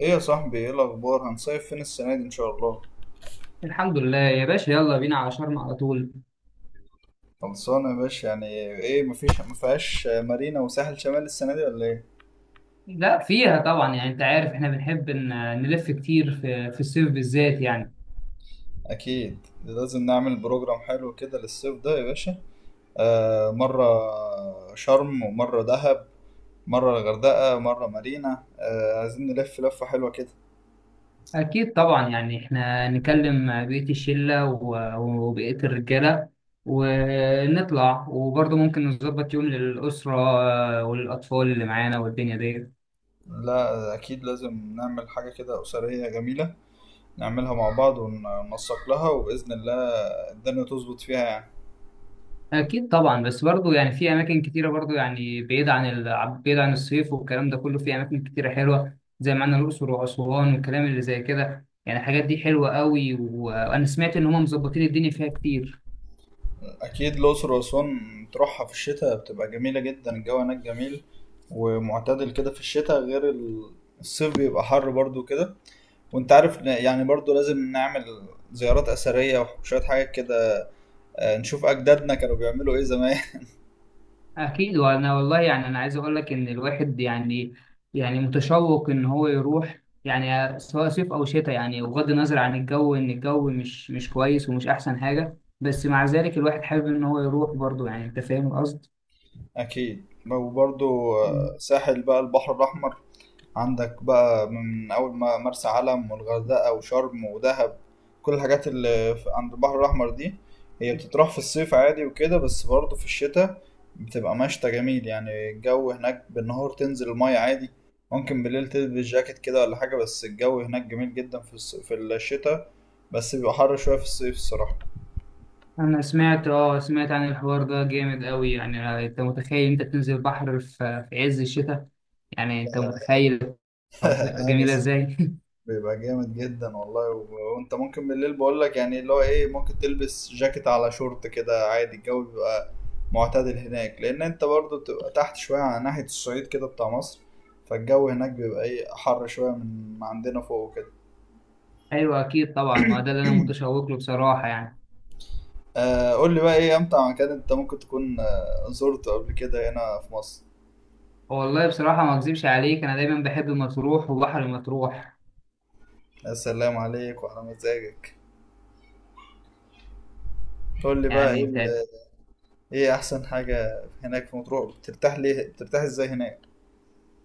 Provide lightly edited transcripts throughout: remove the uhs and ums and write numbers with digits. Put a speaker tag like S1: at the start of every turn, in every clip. S1: ايه يا صاحبي، ايه الاخبار؟ هنصيف فين السنه دي ان شاء الله؟
S2: الحمد لله يا باشا، يلا بينا على شرم على طول.
S1: خلصانه يا باشا يعني. ايه، مفيهاش مارينا وساحل شمال السنه دي ولا ايه؟
S2: لا فيها طبعا، يعني انت عارف احنا بنحب نلف كتير في الصيف بالذات يعني.
S1: اكيد لازم نعمل بروجرام حلو كده للصيف ده يا باشا. آه، مره شرم ومره دهب. مره الغردقه، مره مارينا، عايزين نلف لفه حلوه كده.
S2: اكيد طبعا، يعني احنا نكلم بقية الشلة وبقية الرجالة ونطلع، وبرضه ممكن نظبط يوم للأسرة والأطفال اللي معانا والدنيا دي.
S1: لا، اكيد لازم نعمل حاجه كده اسريه جميله. نعملها مع بعض وننسق لها، وباذن الله الدنيا تظبط فيها يعني.
S2: أكيد طبعا، بس برضه يعني في أماكن كتيرة، برضه يعني بعيد عن الصيف والكلام ده كله. في أماكن كتيرة حلوة زي ما عندنا الأقصر وأسوان والكلام اللي زي كده، يعني الحاجات دي حلوة قوي، وأنا سمعت إن هم مظبطين الدنيا فيها كتير.
S1: أكيد الأقصر وأسوان تروحها في الشتاء بتبقى جميلة جدا، الجو هناك جميل ومعتدل كده في الشتاء، غير الصيف بيبقى حر برضو كده. وانت عارف، يعني برضو لازم نعمل زيارات أثرية وشوية حاجات كده. نشوف أجدادنا كانوا بيعملوا إيه زمان.
S2: أكيد، وأنا والله يعني أنا عايز أقول لك إن الواحد يعني متشوق إن هو يروح، يعني سواء صيف أو شتاء، يعني بغض النظر عن الجو، إن الجو مش كويس ومش أحسن حاجة، بس مع ذلك الواحد حابب إن هو يروح برضه، يعني أنت فاهم القصد؟
S1: أكيد. وبرضو،
S2: مم.
S1: ساحل بقى البحر الأحمر. عندك بقى من أول ما مرسى علم والغردقة وشرم ودهب، كل الحاجات اللي عند البحر الأحمر دي، هي بتتراح في الصيف عادي وكده، بس برضه في الشتاء بتبقى مشتى جميل يعني. الجو هناك بالنهار تنزل المية عادي، ممكن بالليل تلبس جاكيت كده ولا حاجة، بس الجو هناك جميل جدا في الشتاء. بس بيبقى حر شوية في الصيف الصراحة.
S2: أنا سمعت عن الحوار ده، جامد أوي. يعني أنت متخيل أنت تنزل بحر في عز الشتاء؟ يعني أنت متخيل.
S1: لا،
S2: جميلة
S1: بس
S2: إزاي؟
S1: بيبقى جامد جدا والله، وانت ممكن بالليل بقولك يعني اللي هو ايه، ممكن تلبس جاكيت على شورت كده عادي، الجو بيبقى معتدل هناك، لان انت برضه بتبقى تحت شويه على ناحيه الصعيد كده بتاع مصر. فالجو هناك بيبقى ايه حر شويه من ما عندنا فوق وكده.
S2: أيوه، أكيد طبعا، ما ده اللي أنا متشوق له بصراحة يعني.
S1: آه، قول لي بقى، ايه امتع مكان انت ممكن تكون زرته قبل كده هنا في مصر؟
S2: والله بصراحة ما أكذبش عليك، أنا دايما بحب مطروح وبحر مطروح.
S1: يا سلام عليك وعلى مزاجك. قول لي بقى،
S2: يعني أنت.
S1: ايه احسن حاجه هناك في مطروح؟ بترتاح ليه؟ بترتاح ازاي هناك؟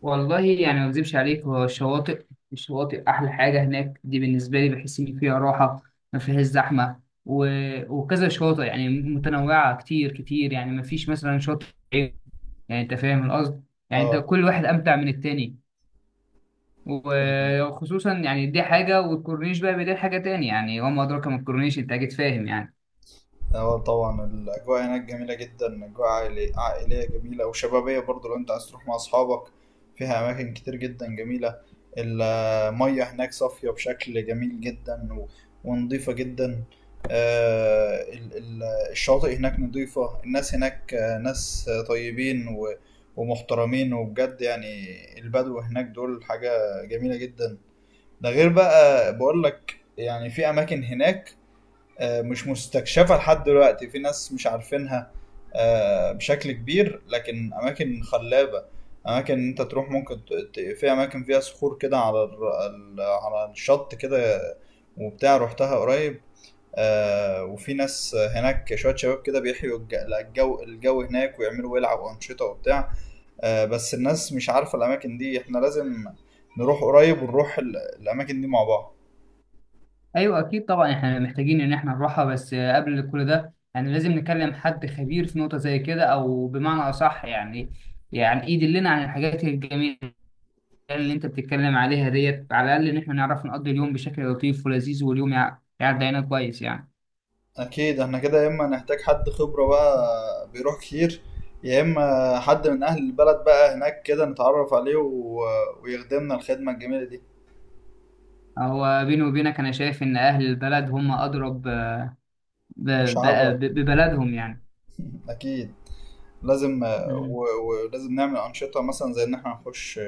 S2: والله يعني ما أكذبش عليك، هو الشواطئ أحلى حاجة هناك، دي بالنسبة لي بحس إن فيها راحة، ما فيهاش زحمة، و... وكذا شواطئ يعني متنوعة كتير كتير، يعني ما فيش مثلا شاطئ عيب. يعني أنت فاهم القصد، يعني أنت كل واحد أمتع من التاني.
S1: اه،
S2: وخصوصا يعني دي حاجة، والكورنيش بقى بدي حاجة تاني يعني، وما أدراك ما الكورنيش، أنت أكيد فاهم يعني.
S1: اه، طبعا الأجواء هناك جميلة جدا، أجواء عائلية جميلة وشبابية برضو لو أنت عايز تروح مع أصحابك. فيها أماكن كتير جدا جميلة. المية هناك صافية بشكل جميل جدا، ونضيفة جدا. آه، ال- ال- الشواطئ هناك نضيفة، الناس هناك، ناس طيبين ومحترمين وبجد يعني. البدو هناك دول حاجة جميلة جدا. ده غير بقى بقولك يعني في أماكن هناك مش مستكشفه لحد دلوقتي، في ناس مش عارفينها بشكل كبير، لكن اماكن خلابه. اماكن انت تروح ممكن في اماكن فيها صخور كده على على الشط كده، وبتاع، رحتها قريب. وفي ناس هناك شويه شباب كده بيحيوا الجو هناك ويعملوا ويلعبوا انشطه وبتاع. بس الناس مش عارفه الاماكن دي، احنا لازم نروح قريب، ونروح الاماكن دي مع بعض.
S2: ايوه، اكيد طبعا، احنا محتاجين ان احنا نروحها، بس قبل كل ده يعني لازم نكلم حد خبير في نقطه زي كده، او بمعنى اصح يعني يدلنا عن الحاجات الجميله اللي انت بتتكلم عليها ديت، على الاقل ان احنا نعرف نقضي اليوم بشكل لطيف ولذيذ، واليوم يعدي علينا كويس يعني.
S1: اكيد احنا كده، يا اما نحتاج حد خبرة بقى بيروح كتير، يا اما حد من اهل البلد بقى هناك كده نتعرف عليه ويخدمنا الخدمة الجميلة دي.
S2: هو بيني وبينك انا شايف ان اهل البلد هم اضرب
S1: مش
S2: ب-
S1: عبء.
S2: ببلدهم يعني.
S1: اكيد لازم.
S2: مم.
S1: ولازم نعمل انشطة مثلا زي ان احنا نخش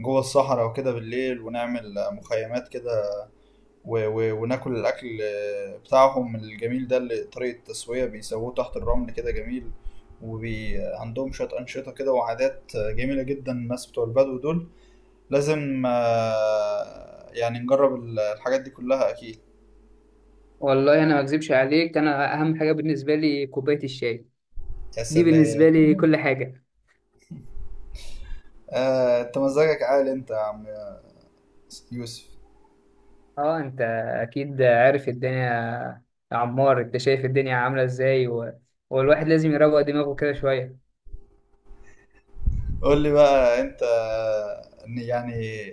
S1: جوه الصحراء وكده بالليل، ونعمل مخيمات كده، وناكل الاكل بتاعهم الجميل ده، اللي طريقة التسوية بيسووه تحت الرمل كده جميل. وعندهم شوية أنشطة كده وعادات جميلة جدا الناس بتوع البدو دول. لازم، يعني نجرب الحاجات دي كلها أكيد.
S2: والله انا ما اكذبش عليك، انا اهم حاجه بالنسبه لي كوبايه الشاي.
S1: يا
S2: دي
S1: سلام،
S2: بالنسبه لي كل حاجه.
S1: أنت مزاجك عالي أنت يا عم يوسف.
S2: اه، انت اكيد عارف الدنيا يا عمار، انت شايف الدنيا عامله ازاي، والواحد لازم يروق دماغه كده شويه.
S1: قول لي بقى، أنت إن يعني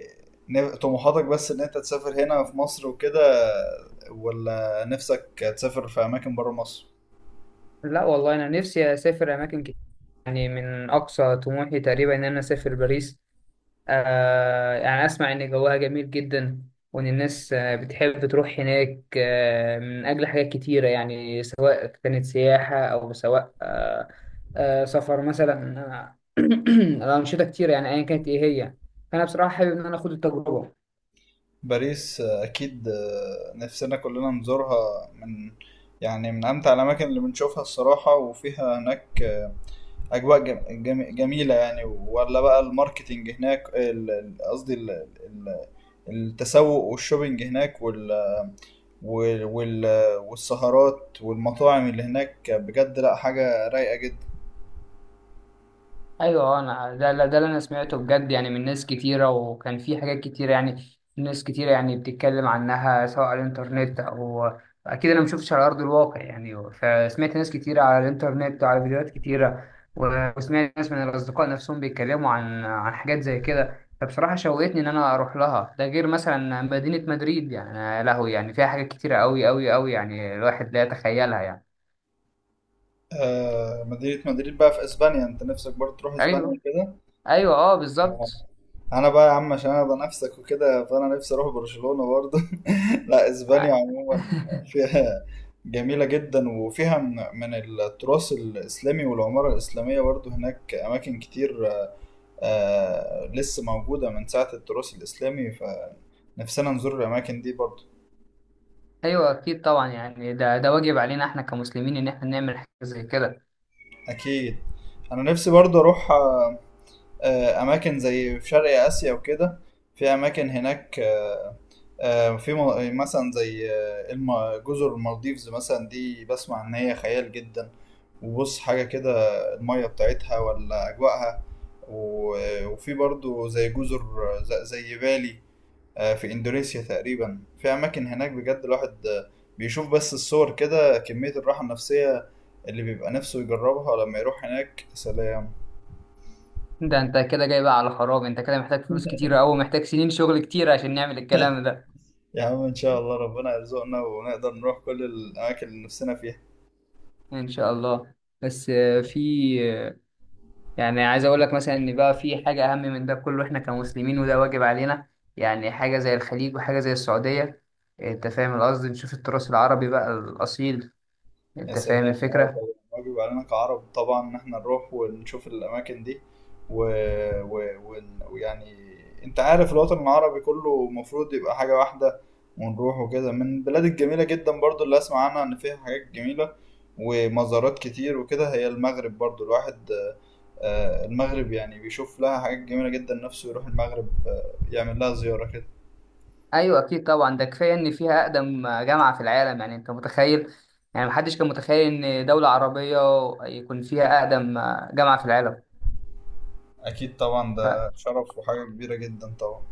S1: طموحاتك بس إن أنت تسافر هنا في مصر وكده، ولا نفسك تسافر في أماكن برا مصر؟
S2: لا والله، انا نفسي اسافر اماكن كتير. يعني من اقصى طموحي تقريبا ان انا اسافر باريس. يعني اسمع ان جوها جميل جدا، وان الناس بتحب تروح هناك من اجل حاجات كتيره يعني، سواء كانت سياحه او سواء سفر مثلا. انشطه كتيره، يعني ايا كانت ايه هي، فانا بصراحه حابب ان انا اخد التجربه.
S1: باريس، أكيد، نفسنا كلنا نزورها، من أمتع الأماكن اللي بنشوفها الصراحة، وفيها هناك اجواء جميله يعني، ولا بقى الماركتينج هناك قصدي ال... التسوق والشوبينج هناك وال... وال... والسهرات والمطاعم اللي هناك، بجد لا حاجه رايقه جدا.
S2: ايوه، انا ده اللي انا سمعته بجد، يعني من ناس كتيره، وكان في حاجات كتيره، يعني ناس كتيره يعني بتتكلم عنها سواء على الانترنت او اكيد انا ما شفتش على ارض الواقع يعني. فسمعت ناس كتيره على الانترنت وعلى فيديوهات كتيره، وسمعت ناس من الاصدقاء نفسهم بيتكلموا عن حاجات زي كده، فبصراحه شوقتني ان انا اروح لها. ده غير مثلا مدينه مدريد، يعني يا لهوي، يعني فيها حاجات كتيره قوي قوي قوي، يعني الواحد لا يتخيلها يعني.
S1: آه، مدينه مدريد بقى في اسبانيا، انت نفسك برضه تروح اسبانيا
S2: ايوه،
S1: كده؟
S2: ايوه، اه، بالظبط.
S1: انا بقى يا عم عشان انا نفسك وكده، فانا نفسي اروح برشلونة برضه. لا، اسبانيا عموما فيها جميلة جدا، وفيها من التراث الإسلامي والعمارة الإسلامية برضه هناك أماكن كتير لسه موجودة من ساعة التراث الإسلامي، فنفسنا نزور الأماكن دي برضه.
S2: ايوه، اكيد طبعا يعني ده واجب علينا احنا كمسلمين ان احنا نعمل حاجه زي كده.
S1: أكيد. أنا نفسي برضه أروح، أماكن زي في شرق آسيا وكده، في أماكن هناك، في مثلا زي جزر المالديفز مثلا، دي بسمع ان هي خيال جدا. وبص حاجة كده، المية بتاعتها ولا أجواءها، وفي برضو زي جزر زي بالي، في إندونيسيا تقريبا، في أماكن هناك بجد الواحد بيشوف بس الصور كده، كمية الراحة النفسية اللي بيبقى نفسه يجربها لما يروح هناك، سلام.
S2: ده انت كده جاي بقى على خراب! انت كده محتاج فلوس كتيره قوي، محتاج سنين شغل كتيره عشان نعمل الكلام ده.
S1: يا عم، إن شاء الله ربنا يرزقنا ونقدر نروح كل الأماكن اللي نفسنا فيها.
S2: ان شاء الله. بس في آه، يعني عايز اقول لك مثلا ان بقى في حاجه اهم من ده كله، احنا كمسلمين وده واجب علينا. يعني حاجه زي الخليج وحاجه زي السعوديه، انت فاهم القصد، نشوف التراث العربي بقى الاصيل،
S1: يا
S2: انت فاهم
S1: سلام، اه
S2: الفكره.
S1: طبعا، واجب علينا كعرب طبعا ان احنا نروح ونشوف الاماكن دي، و... ويعني انت عارف الوطن العربي كله المفروض يبقى حاجة واحدة، ونروح وكده من البلاد الجميلة جدا برضو اللي اسمع عنها ان فيها حاجات جميلة ومزارات كتير وكده، هي المغرب برضو الواحد المغرب يعني بيشوف لها حاجات جميلة جدا، نفسه يروح المغرب يعمل لها زيارة كده.
S2: ايوه، اكيد طبعا، ده كفايه ان فيها اقدم جامعه في العالم، يعني انت متخيل؟ يعني محدش كان متخيل ان دوله عربيه يكون فيها اقدم جامعه في العالم.
S1: اكيد طبعا،
S2: ف...
S1: ده شرف وحاجة كبيرة جدا طبعا.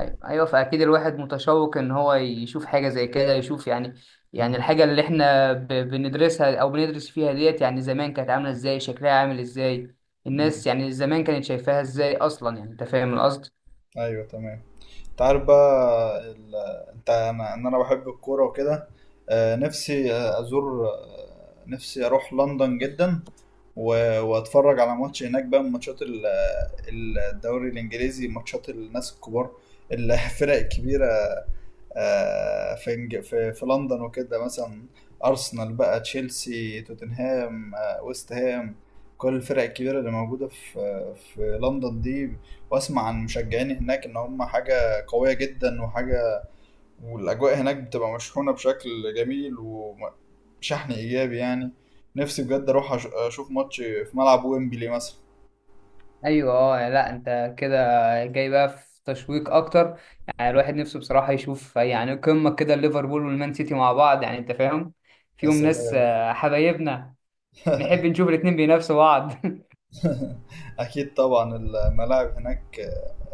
S2: ايوه، ايوه، فاكيد الواحد متشوق ان هو يشوف حاجه زي كده، يشوف يعني
S1: مم.
S2: الحاجه اللي احنا بندرسها او بندرس فيها ديت، يعني زمان كانت عامله ازاي، شكلها عامل ازاي.
S1: مم.
S2: الناس يعني زمان كانت شايفاها ازاي اصلا، يعني انت فاهم القصد.
S1: ايوه تمام، انت عارف بقى انت انا ان انا بحب الكوره وكده، نفسي آه، ازور آه، نفسي اروح لندن جدا، واتفرج على ماتش هناك بقى من ماتشات الدوري الانجليزي، ماتشات الناس الكبار الفرق الكبيره، في إنج- في في لندن وكده مثلا، ارسنال بقى، تشيلسي، توتنهام، ويست هام، كل الفرق الكبيره اللي موجوده في لندن دي. واسمع عن مشجعين هناك ان هم حاجه قويه جدا وحاجه، والاجواء هناك بتبقى مشحونه بشكل جميل وشحن ايجابي يعني. نفسي بجد اروح اشوف ماتش في ملعب ويمبلي مثلا.
S2: ايوه، اه، يعني لا انت كده جاي بقى في تشويق اكتر. يعني الواحد نفسه بصراحه يشوف يعني قمه كده ليفربول والمان سيتي مع بعض، يعني انت فاهم،
S1: يا
S2: فيهم ناس
S1: سلام.
S2: حبايبنا، نحب نشوف الاتنين بينافسوا بعض.
S1: اكيد طبعا، الملاعب هناك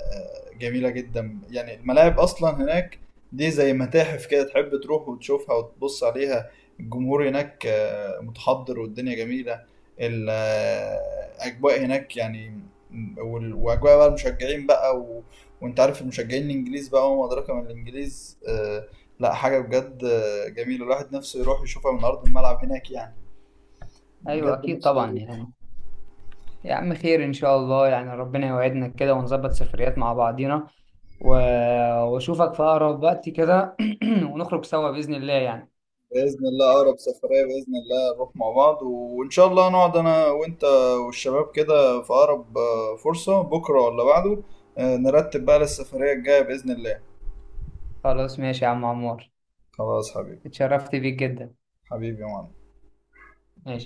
S1: جميله جدا يعني، الملاعب اصلا هناك دي زي متاحف كده، تحب تروح وتشوفها وتبص عليها. الجمهور هناك متحضر، والدنيا جميله، الاجواء هناك يعني، واجواء بقى المشجعين بقى، وانت عارف المشجعين الانجليز بقى، وما ادراك ما الانجليز، لا حاجه بجد جميله، الواحد نفسه يروح يشوفها من ارض الملعب هناك يعني.
S2: ايوه،
S1: بجد
S2: اكيد
S1: نفسه
S2: طبعا
S1: يروح.
S2: يعني. يا عم خير ان شاء الله، يعني ربنا يوعدنا كده ونظبط سفريات مع بعضينا و... واشوفك في اقرب وقت كده، ونخرج سوا باذن الله يعني.
S1: باذن الله، اقرب سفريه باذن الله نروح مع بعض، وان شاء الله نقعد انا وانت والشباب كده في اقرب فرصه، بكره ولا بعده، نرتب بقى للسفريه الجايه باذن الله.
S2: خلاص، ماشي يا عم عمار،
S1: خلاص حبيبي.
S2: اتشرفت بيك جدا.
S1: حبيبي يا معلم.
S2: ماشي.